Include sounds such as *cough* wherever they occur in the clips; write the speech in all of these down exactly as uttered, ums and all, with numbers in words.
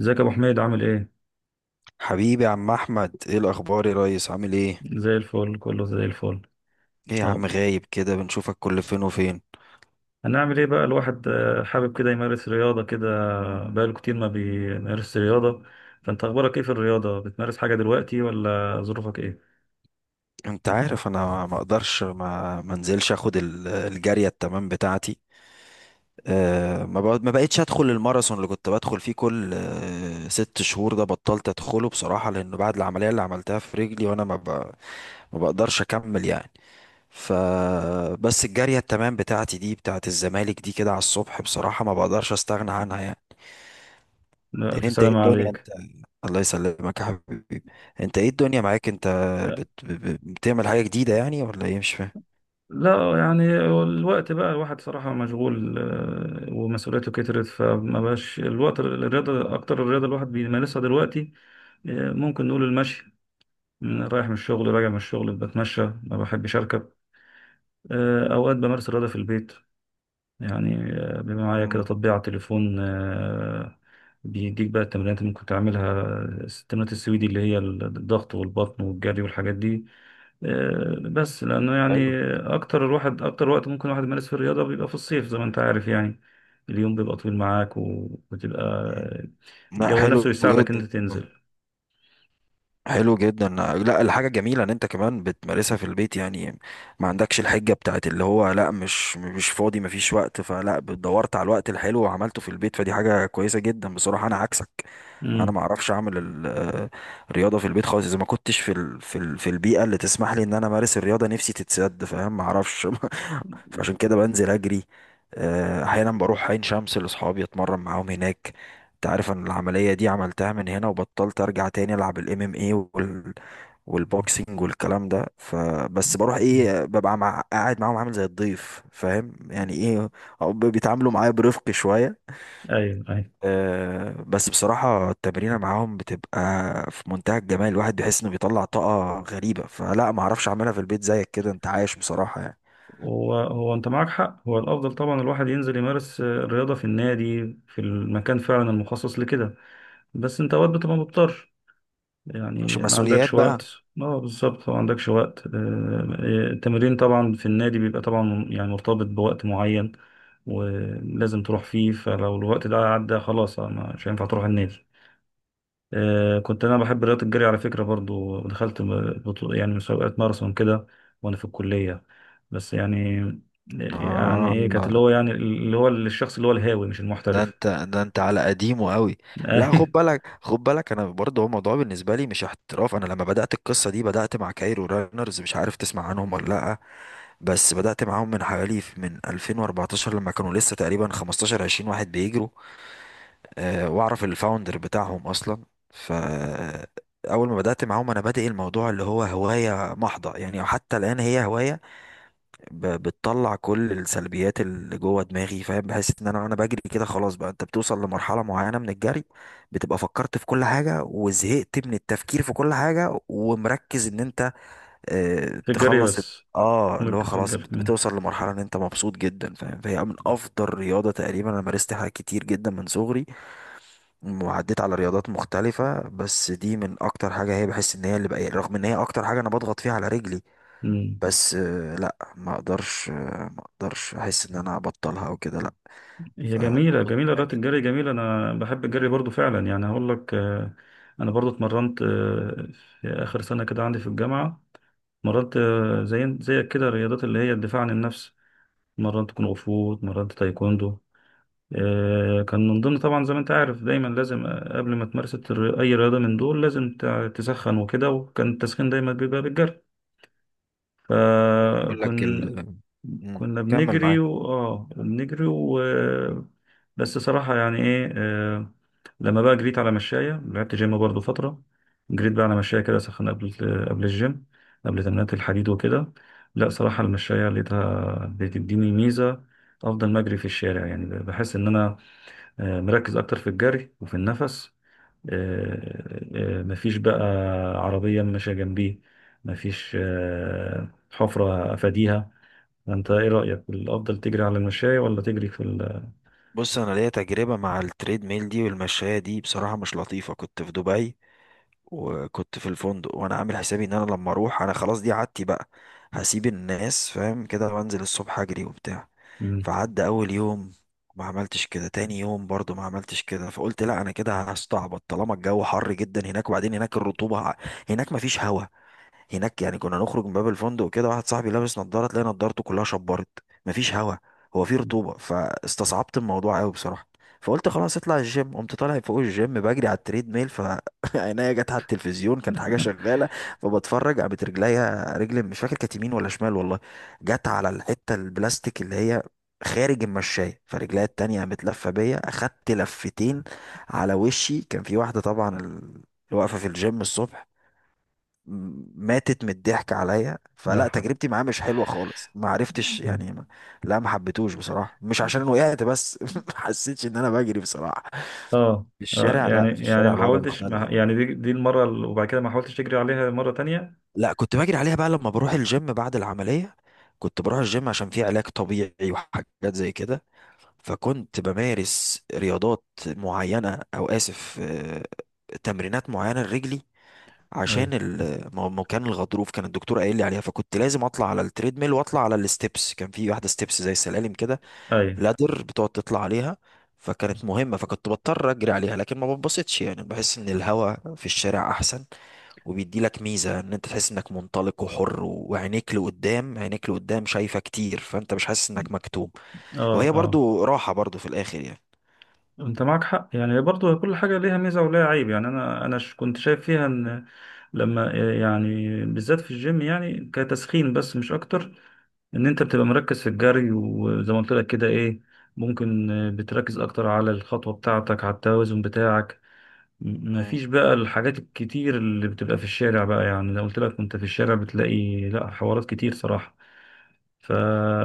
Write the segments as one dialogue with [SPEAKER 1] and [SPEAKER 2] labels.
[SPEAKER 1] ازيك يا ابو حميد؟ عامل ايه؟
[SPEAKER 2] حبيبي يا عم احمد، ايه الاخبار يا ريس؟ عامل ايه؟
[SPEAKER 1] زي الفل، كله زي الفل.
[SPEAKER 2] ايه يا
[SPEAKER 1] اهو،
[SPEAKER 2] عم غايب كده، بنشوفك كل فين وفين.
[SPEAKER 1] هنعمل ايه بقى الواحد؟ آه، حابب كده يمارس رياضه كده. بقاله كتير ما بيمارس رياضه. فانت اخبارك ايه في الرياضه؟ بتمارس حاجه دلوقتي ولا ظروفك ايه؟
[SPEAKER 2] انت عارف انا ما اقدرش ما منزلش اخد ال- الجاريه التمام بتاعتي. أه ما بق- ما بقتش ادخل الماراثون اللي كنت بدخل فيه كل أه ست شهور، ده بطلت ادخله بصراحه لانه بعد العمليه اللي عملتها في رجلي وانا ما, ب... ما بقدرش اكمل يعني. ف بس الجاريه التمام بتاعتي دي بتاعت الزمالك دي كده على الصبح، بصراحه ما بقدرش استغنى عنها يعني.
[SPEAKER 1] لا، الف
[SPEAKER 2] انت ايه
[SPEAKER 1] سلامه
[SPEAKER 2] الدنيا
[SPEAKER 1] عليك.
[SPEAKER 2] انت؟ الله يسلمك يا حبيبي. انت ايه الدنيا معاك انت؟
[SPEAKER 1] آه.
[SPEAKER 2] بت... ب- ب- بتعمل حاجة جديدة يعني ولا ايه؟ مش فاهم.
[SPEAKER 1] لا يعني الوقت بقى الواحد صراحه مشغول، آه، ومسؤوليته كترت، فما بقاش الوقت الرياضه. اكتر الرياضه الواحد بيمارسها دلوقتي آه، ممكن نقول المشي. رايح من الشغل، راجع من الشغل، بتمشى، ما بحبش اركب. آه، أوقات بمارس الرياضة في البيت. يعني آه، بيبقى معايا كده
[SPEAKER 2] امم
[SPEAKER 1] تطبيق على التليفون آه، بيديك بقى التمرينات اللي ممكن تعملها، التمرينات السويدي اللي هي الضغط والبطن والجري والحاجات دي. آه، بس لأنه يعني
[SPEAKER 2] حلو.
[SPEAKER 1] أكتر الواحد، أكتر وقت ممكن الواحد يمارس فيه الرياضة بيبقى في الصيف، زي ما أنت عارف يعني. اليوم بيبقى طويل معاك و-
[SPEAKER 2] مم.
[SPEAKER 1] وبتبقى
[SPEAKER 2] لا
[SPEAKER 1] الجو نفسه
[SPEAKER 2] حلو
[SPEAKER 1] يساعدك إن
[SPEAKER 2] جدا.
[SPEAKER 1] أنت تنزل.
[SPEAKER 2] حلو جدا، لا الحاجة جميلة ان انت كمان بتمارسها في البيت يعني. ما عندكش الحجة بتاعت اللي هو لا مش مش فاضي مفيش وقت، فلا دورت على الوقت الحلو وعملته في البيت، فدي حاجة كويسة جدا بصراحة. انا عكسك، انا
[SPEAKER 1] مم.
[SPEAKER 2] ما اعرفش اعمل ال- آه، الرياضة في البيت خالص اذا ما كنتش في ال في ال في البيئة اللي تسمح لي ان انا امارس الرياضة، نفسي تتسد فاهم ما اعرفش. *laughs* فعشان كده بنزل اجري. آه، احيانا بروح عين شمس لاصحابي اتمرن معاهم هناك. انت عارف ان العملية دي عملتها من هنا وبطلت ارجع تاني العب الام ام اي وال والبوكسنج والكلام ده، فبس بروح ايه ببقى مع قاعد معاهم عامل زي الضيف فاهم يعني ايه. أو ب- بيتعاملوا معايا برفق شوية.
[SPEAKER 1] أيوه أيوه.
[SPEAKER 2] أه بس بصراحة التمرينة معاهم بتبقى في منتهى الجمال، الواحد بيحس انه بيطلع طاقة غريبة. فلا ما اعرفش اعملها في البيت زيك كده انت عايش بصراحة يعني.
[SPEAKER 1] هو هو انت معاك حق، هو الافضل طبعا الواحد ينزل يمارس آه، الرياضه في النادي، في المكان فعلا المخصص لكده. بس انت اوقات بتبقى مضطر،
[SPEAKER 2] عشان
[SPEAKER 1] يعني ما
[SPEAKER 2] مسؤوليات
[SPEAKER 1] عندكش
[SPEAKER 2] بقى.
[SPEAKER 1] وقت. اه بالظبط، ما عندكش وقت. آه، آه، التمرين طبعا في النادي بيبقى طبعا يعني مرتبط بوقت معين ولازم تروح فيه، فلو الوقت ده عدى خلاص آه، مش هينفع تروح النادي. آه، كنت انا بحب رياضه الجري على فكره. برضو دخلت م- بطو- يعني مسابقات ماراثون كده، وانا في الكليه. بس يعني يعني
[SPEAKER 2] اه
[SPEAKER 1] ايه، كانت اللي هو يعني اللي هو الشخص اللي هو الهاوي مش
[SPEAKER 2] ده
[SPEAKER 1] المحترف.
[SPEAKER 2] انت ده انت على قديمه قوي.
[SPEAKER 1] *laughs*
[SPEAKER 2] لا خد
[SPEAKER 1] أيوة.
[SPEAKER 2] بالك خد بالك، انا برضه هو الموضوع بالنسبه لي مش احتراف، انا لما بدات القصه دي بدات مع كايرو رانرز، مش عارف تسمع عنهم ولا لا. بس بدات معاهم من حوالي من ألفين وأربعتاشر لما كانوا لسه تقريبا خمستاشر عشرين واحد بيجروا. أه واعرف الفاوندر بتاعهم اصلا. ف اول ما بدات معاهم انا بادئ الموضوع اللي هو هوايه محضه يعني، حتى الان هي هوايه. ب- بتطلع كل السلبيات اللي جوه دماغي فاهم، بحس ان انا وانا بجري كده خلاص بقى انت بتوصل لمرحله معينه من الجري. بتبقى فكرت في كل حاجه وزهقت من التفكير في كل حاجه ومركز ان انت اه
[SPEAKER 1] في الجري
[SPEAKER 2] تخلص الت-
[SPEAKER 1] بس.
[SPEAKER 2] اه اللي هو
[SPEAKER 1] مركز في
[SPEAKER 2] خلاص
[SPEAKER 1] الجري.
[SPEAKER 2] بت-
[SPEAKER 1] مم.
[SPEAKER 2] بتوصل لمرحله ان انت مبسوط جدا فاهم، فهي من افضل رياضه. تقريبا انا مارست حاجات كتير جدا من صغري وعديت على رياضات مختلفه، بس دي من اكتر حاجه، هي بحس ان هي اللي بقى رغم ان هي اكتر حاجه انا بضغط فيها على رجلي.
[SPEAKER 1] مم.
[SPEAKER 2] بس آه، لا ما اقدرش، آه، ما اقدرش احس ان انا ابطلها او كده، لا.
[SPEAKER 1] هي جميله،
[SPEAKER 2] فبطل
[SPEAKER 1] جميله
[SPEAKER 2] فيها
[SPEAKER 1] رياضه
[SPEAKER 2] جدا.
[SPEAKER 1] الجري، جميله. انا بحب الجري برضو فعلا، يعني هقول لك آه، انا برضو اتمرنت آه، في اخر سنه كده عندي في الجامعه. مرنت آه، زي زيك كده رياضات اللي هي الدفاع عن النفس. مرنت كونغ فو، مرنت تايكوندو. آه، كان من ضمن طبعا، زي ما انت عارف دايما لازم آه، قبل ما تمارس الر- اي رياضه من دول لازم تع- تسخن وكده، وكان التسخين دايما بيبقى بالجري.
[SPEAKER 2] اقول لك
[SPEAKER 1] فكنا،
[SPEAKER 2] ال... مم.
[SPEAKER 1] كنا
[SPEAKER 2] كمل
[SPEAKER 1] بنجري
[SPEAKER 2] معاك.
[SPEAKER 1] و... اه بنجري و... بس صراحه يعني ايه آه، لما بقى جريت على مشايه، لعبت جيم برضو فتره. جريت بقى على مشايه كده سخن قبل، قبل الجيم، قبل تمرينات الحديد وكده. لا صراحه المشايه لقيتها بتديني ميزه افضل ما اجري في الشارع. يعني بحس ان انا آه، نركز اكتر في الجري وفي النفس. آه، آه، مفيش بقى عربية ماشية جنبيه، مفيش آه، حفرة افاديها. انت ايه رأيك؟ الافضل تجري على المشاية ولا تجري في ال...
[SPEAKER 2] بص انا ليا تجربه مع التريد ميل دي والمشايه دي، بصراحه مش لطيفه. كنت في دبي وكنت في الفندق وانا عامل حسابي ان انا لما اروح انا خلاص دي عادتي بقى، هسيب الناس فاهم كده وانزل الصبح اجري وبتاع.
[SPEAKER 1] مم.
[SPEAKER 2] فعدى اول يوم ما عملتش كده، تاني يوم برضو ما عملتش كده. فقلت لا انا كده هستعبط، طالما الجو حر جدا هناك، وبعدين هناك الرطوبة ع- هناك ما فيش هوا هناك يعني. كنا نخرج من باب الفندق وكده واحد صاحبي لابس نضاره تلاقي نضارته كلها شبرت. مفيش هوا، هو في رطوبه. فاستصعبت الموضوع قوي بصراحه. فقلت خلاص اطلع الجيم، قمت طالع فوق الجيم بجري على التريد ميل، فعينيا *laughs* جت على التلفزيون، كانت حاجه شغاله فبتفرج، قامت رجليا، رجل مش فاكر كانت يمين ولا شمال والله جت على الحته البلاستيك اللي هي خارج المشاية، فرجليا التانية قامت لفة بيا، أخدت لفتين على وشي. كان في واحدة طبعا ال- اللي واقفة في الجيم الصبح ماتت من الضحك عليا.
[SPEAKER 1] لا
[SPEAKER 2] فلا
[SPEAKER 1] ف...
[SPEAKER 2] تجربتي معاه مش حلوه خالص، ما عرفتش
[SPEAKER 1] مم.
[SPEAKER 2] يعني ما. لا ما حبيتهوش بصراحه، مش عشان وقعت بس *laughs* ما حسيتش ان انا بجري بصراحه
[SPEAKER 1] اه.
[SPEAKER 2] في
[SPEAKER 1] آه،
[SPEAKER 2] الشارع.
[SPEAKER 1] يعني
[SPEAKER 2] لا، في
[SPEAKER 1] يعني
[SPEAKER 2] الشارع
[SPEAKER 1] ما
[SPEAKER 2] الوضع
[SPEAKER 1] حاولتش،
[SPEAKER 2] مختلف.
[SPEAKER 1] ما يعني دي دي المرة ال- وبعد كده ما حاولتش تجري عليها مرة تانية؟
[SPEAKER 2] لا كنت بجري عليها بقى لما بروح الجيم بعد العمليه. كنت بروح الجيم عشان فيه علاج طبيعي وحاجات زي كده، فكنت بمارس رياضات معينه او اسف، آه، تمرينات معينه لرجلي
[SPEAKER 1] ايوه
[SPEAKER 2] عشان ال- ما ما كان الغضروف كان الدكتور قايل لي عليها، فكنت لازم اطلع على التريدميل واطلع على الستبس، كان في واحده ستبس زي السلالم كده
[SPEAKER 1] ايوه.
[SPEAKER 2] لادر بتقعد تطلع عليها، فكانت مهمه، فكنت بضطر اجري عليها، لكن ما بتبسطش يعني. بحس ان الهواء في الشارع احسن وبيدي لك ميزه ان انت تحس انك منطلق وحر و- وعينيك لقدام، عينيك لقدام شايفه كتير، فانت مش حاسس انك مكتوم.
[SPEAKER 1] اه
[SPEAKER 2] وهي
[SPEAKER 1] اه.
[SPEAKER 2] برضو راحه برضو في الاخر يعني.
[SPEAKER 1] انت معك حق، يعني برضو كل حاجة ليها ميزة وليها عيب. يعني انا انا ش- كنت شايف فيها ان لما يعني بالذات في الجيم يعني كتسخين بس مش اكتر، ان انت بتبقى مركز في الجري، وزي ما قلت لك كده ايه، ممكن بتركز اكتر على الخطوة بتاعتك، على التوازن بتاعك. م-
[SPEAKER 2] مم.
[SPEAKER 1] مفيش بقى الحاجات الكتير اللي بتبقى في الشارع بقى. يعني لو قلت لك وانت في الشارع بتلاقي لا حوارات كتير صراحة. ف...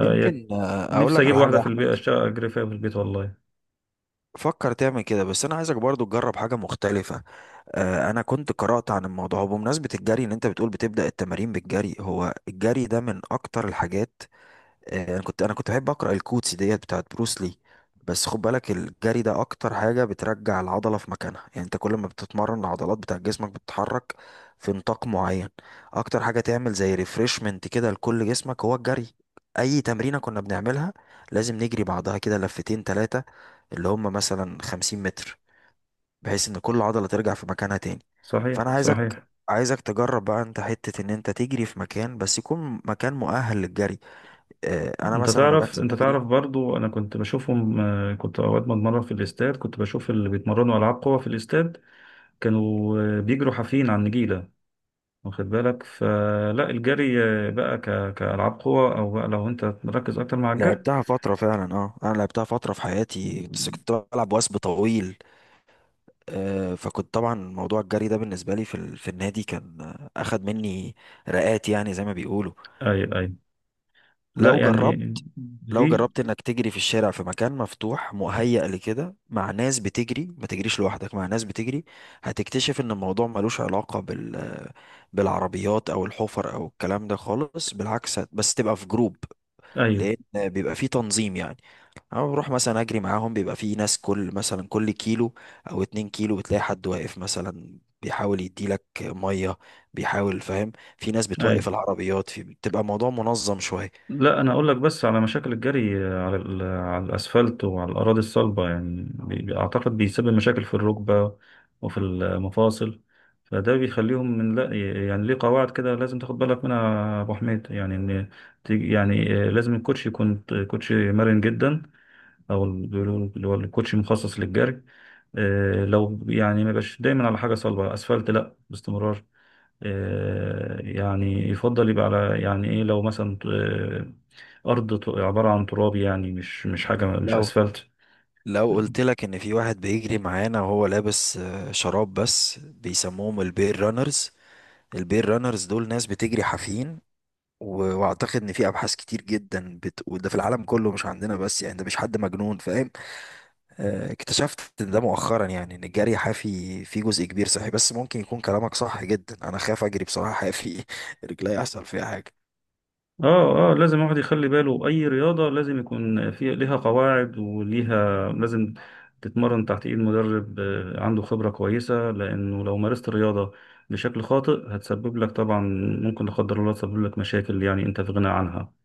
[SPEAKER 2] يمكن آه، اقول
[SPEAKER 1] نفسي
[SPEAKER 2] لك
[SPEAKER 1] اجيب
[SPEAKER 2] على حاجه
[SPEAKER 1] واحدة
[SPEAKER 2] يا
[SPEAKER 1] في البيت،
[SPEAKER 2] احمد،
[SPEAKER 1] اشتغل اجري فيها في البيت والله.
[SPEAKER 2] فكر تعمل كده، بس انا عايزك برضو تجرب حاجه مختلفه. آه، انا كنت قرات عن الموضوع بمناسبه الجري ان انت بتقول بتبدا التمارين بالجري، هو الجري ده من اكتر الحاجات. آه، انا كنت انا كنت بحب اقرا الكوتس ديت بتاعت بروسلي. بس خد بالك الجري ده اكتر حاجه بترجع العضله في مكانها يعني، انت كل ما بتتمرن العضلات بتاع جسمك بتتحرك في نطاق معين. اكتر حاجه تعمل زي ريفرشمنت كده لكل جسمك هو الجري. اي تمرينه كنا بنعملها لازم نجري بعضها كده لفتين تلاتة، اللي هم مثلا خمسين متر، بحيث ان كل عضله ترجع في مكانها تاني. فانا
[SPEAKER 1] صحيح
[SPEAKER 2] عايزك
[SPEAKER 1] صحيح.
[SPEAKER 2] عايزك تجرب بقى انت حتة ان انت تجري في مكان، بس يكون مكان مؤهل للجري. آه، انا
[SPEAKER 1] انت
[SPEAKER 2] مثلا لما
[SPEAKER 1] تعرف،
[SPEAKER 2] بنزل
[SPEAKER 1] انت
[SPEAKER 2] اجري
[SPEAKER 1] تعرف برضو انا كنت بشوفهم آه، كنت اوقات بتمرن في الاستاد، كنت بشوف اللي بيتمرنوا العاب قوه في الاستاد. كانوا آه، بيجروا حافيين على النجيله، واخد بالك؟ فلا الجري آه، بقى ك... كالعاب قوه، او بقى لو انت مركز اكتر مع الجري.
[SPEAKER 2] لعبتها فتره فعلا. اه انا لعبتها فتره في حياتي بس كنت بلعب وثب طويل. آه، فكنت طبعا موضوع الجري ده بالنسبه لي في ال- في النادي كان آه، اخد مني رقات يعني زي ما بيقولوا.
[SPEAKER 1] ايوه ايوه. لا
[SPEAKER 2] لو
[SPEAKER 1] يعني
[SPEAKER 2] جربت لو
[SPEAKER 1] ليه.
[SPEAKER 2] جربت انك تجري في الشارع في مكان مفتوح مهيأ لكده مع ناس بتجري، ما تجريش لوحدك مع ناس بتجري، هتكتشف ان الموضوع ملوش علاقة بال بالعربيات او الحفر او الكلام ده خالص. بالعكس هت- بس تبقى في جروب،
[SPEAKER 1] ايوه
[SPEAKER 2] لان بيبقى فيه تنظيم يعني. انا بروح مثلا اجري معاهم بيبقى فيه ناس كل مثلا كل كيلو او اتنين كيلو بتلاقي حد واقف مثلا بيحاول يديلك ميه بيحاول فاهم. في ناس
[SPEAKER 1] ايوه.
[SPEAKER 2] بتوقف العربيات، في بتبقى الموضوع منظم شويه.
[SPEAKER 1] لا انا اقول لك بس على مشاكل الجري آه، على ال- على الاسفلت وعلى الاراضي الصلبه، يعني بي- بي- اعتقد بيسبب مشاكل في الركبه وفي المفاصل، فده بيخليهم من لا، يعني ليه قواعد كده لازم تاخد بالك منها يا ابو حميد. يعني ان تيجي- يعني آه، لازم الكوتش يكون كوتشي مرن جدا، او ال- بيقولوا اللي هو الكوتشي مخصص للجري. آه، لو يعني ما يبقاش دايما على حاجه صلبه، اسفلت لا باستمرار. آه، يعني يفضل يبقى على يعني ايه، لو مثلا آه، ارض ت- عبارة عن تراب، يعني مش مش حاجة مش
[SPEAKER 2] لو
[SPEAKER 1] اسفلت.
[SPEAKER 2] لو قلت لك ان في واحد بيجري معانا وهو لابس آه، شراب بس، بيسموهم البير رانرز. البير رانرز دول ناس بتجري حافيين، و- واعتقد ان في ابحاث كتير جدا بت... وده في العالم كله مش عندنا بس، يعني ده مش حد مجنون فاهم. آه، اكتشفت ده مؤخرا يعني ان الجري حافي فيه جزء كبير صحي، بس ممكن يكون كلامك صح جدا، انا خاف اجري بصراحة حافي *laughs* رجلي يحصل فيها حاجة.
[SPEAKER 1] اه اه. لازم الواحد يخلي باله، اي رياضة لازم يكون في ليها قواعد وليها لازم تتمرن تحت ايد مدرب آه، عنده خبرة كويسة، لانه لو مارست الرياضة بشكل خاطئ هتسبب لك طبعا، ممكن لا قدر الله تسبب لك مشاكل يعني انت في غنى عنها.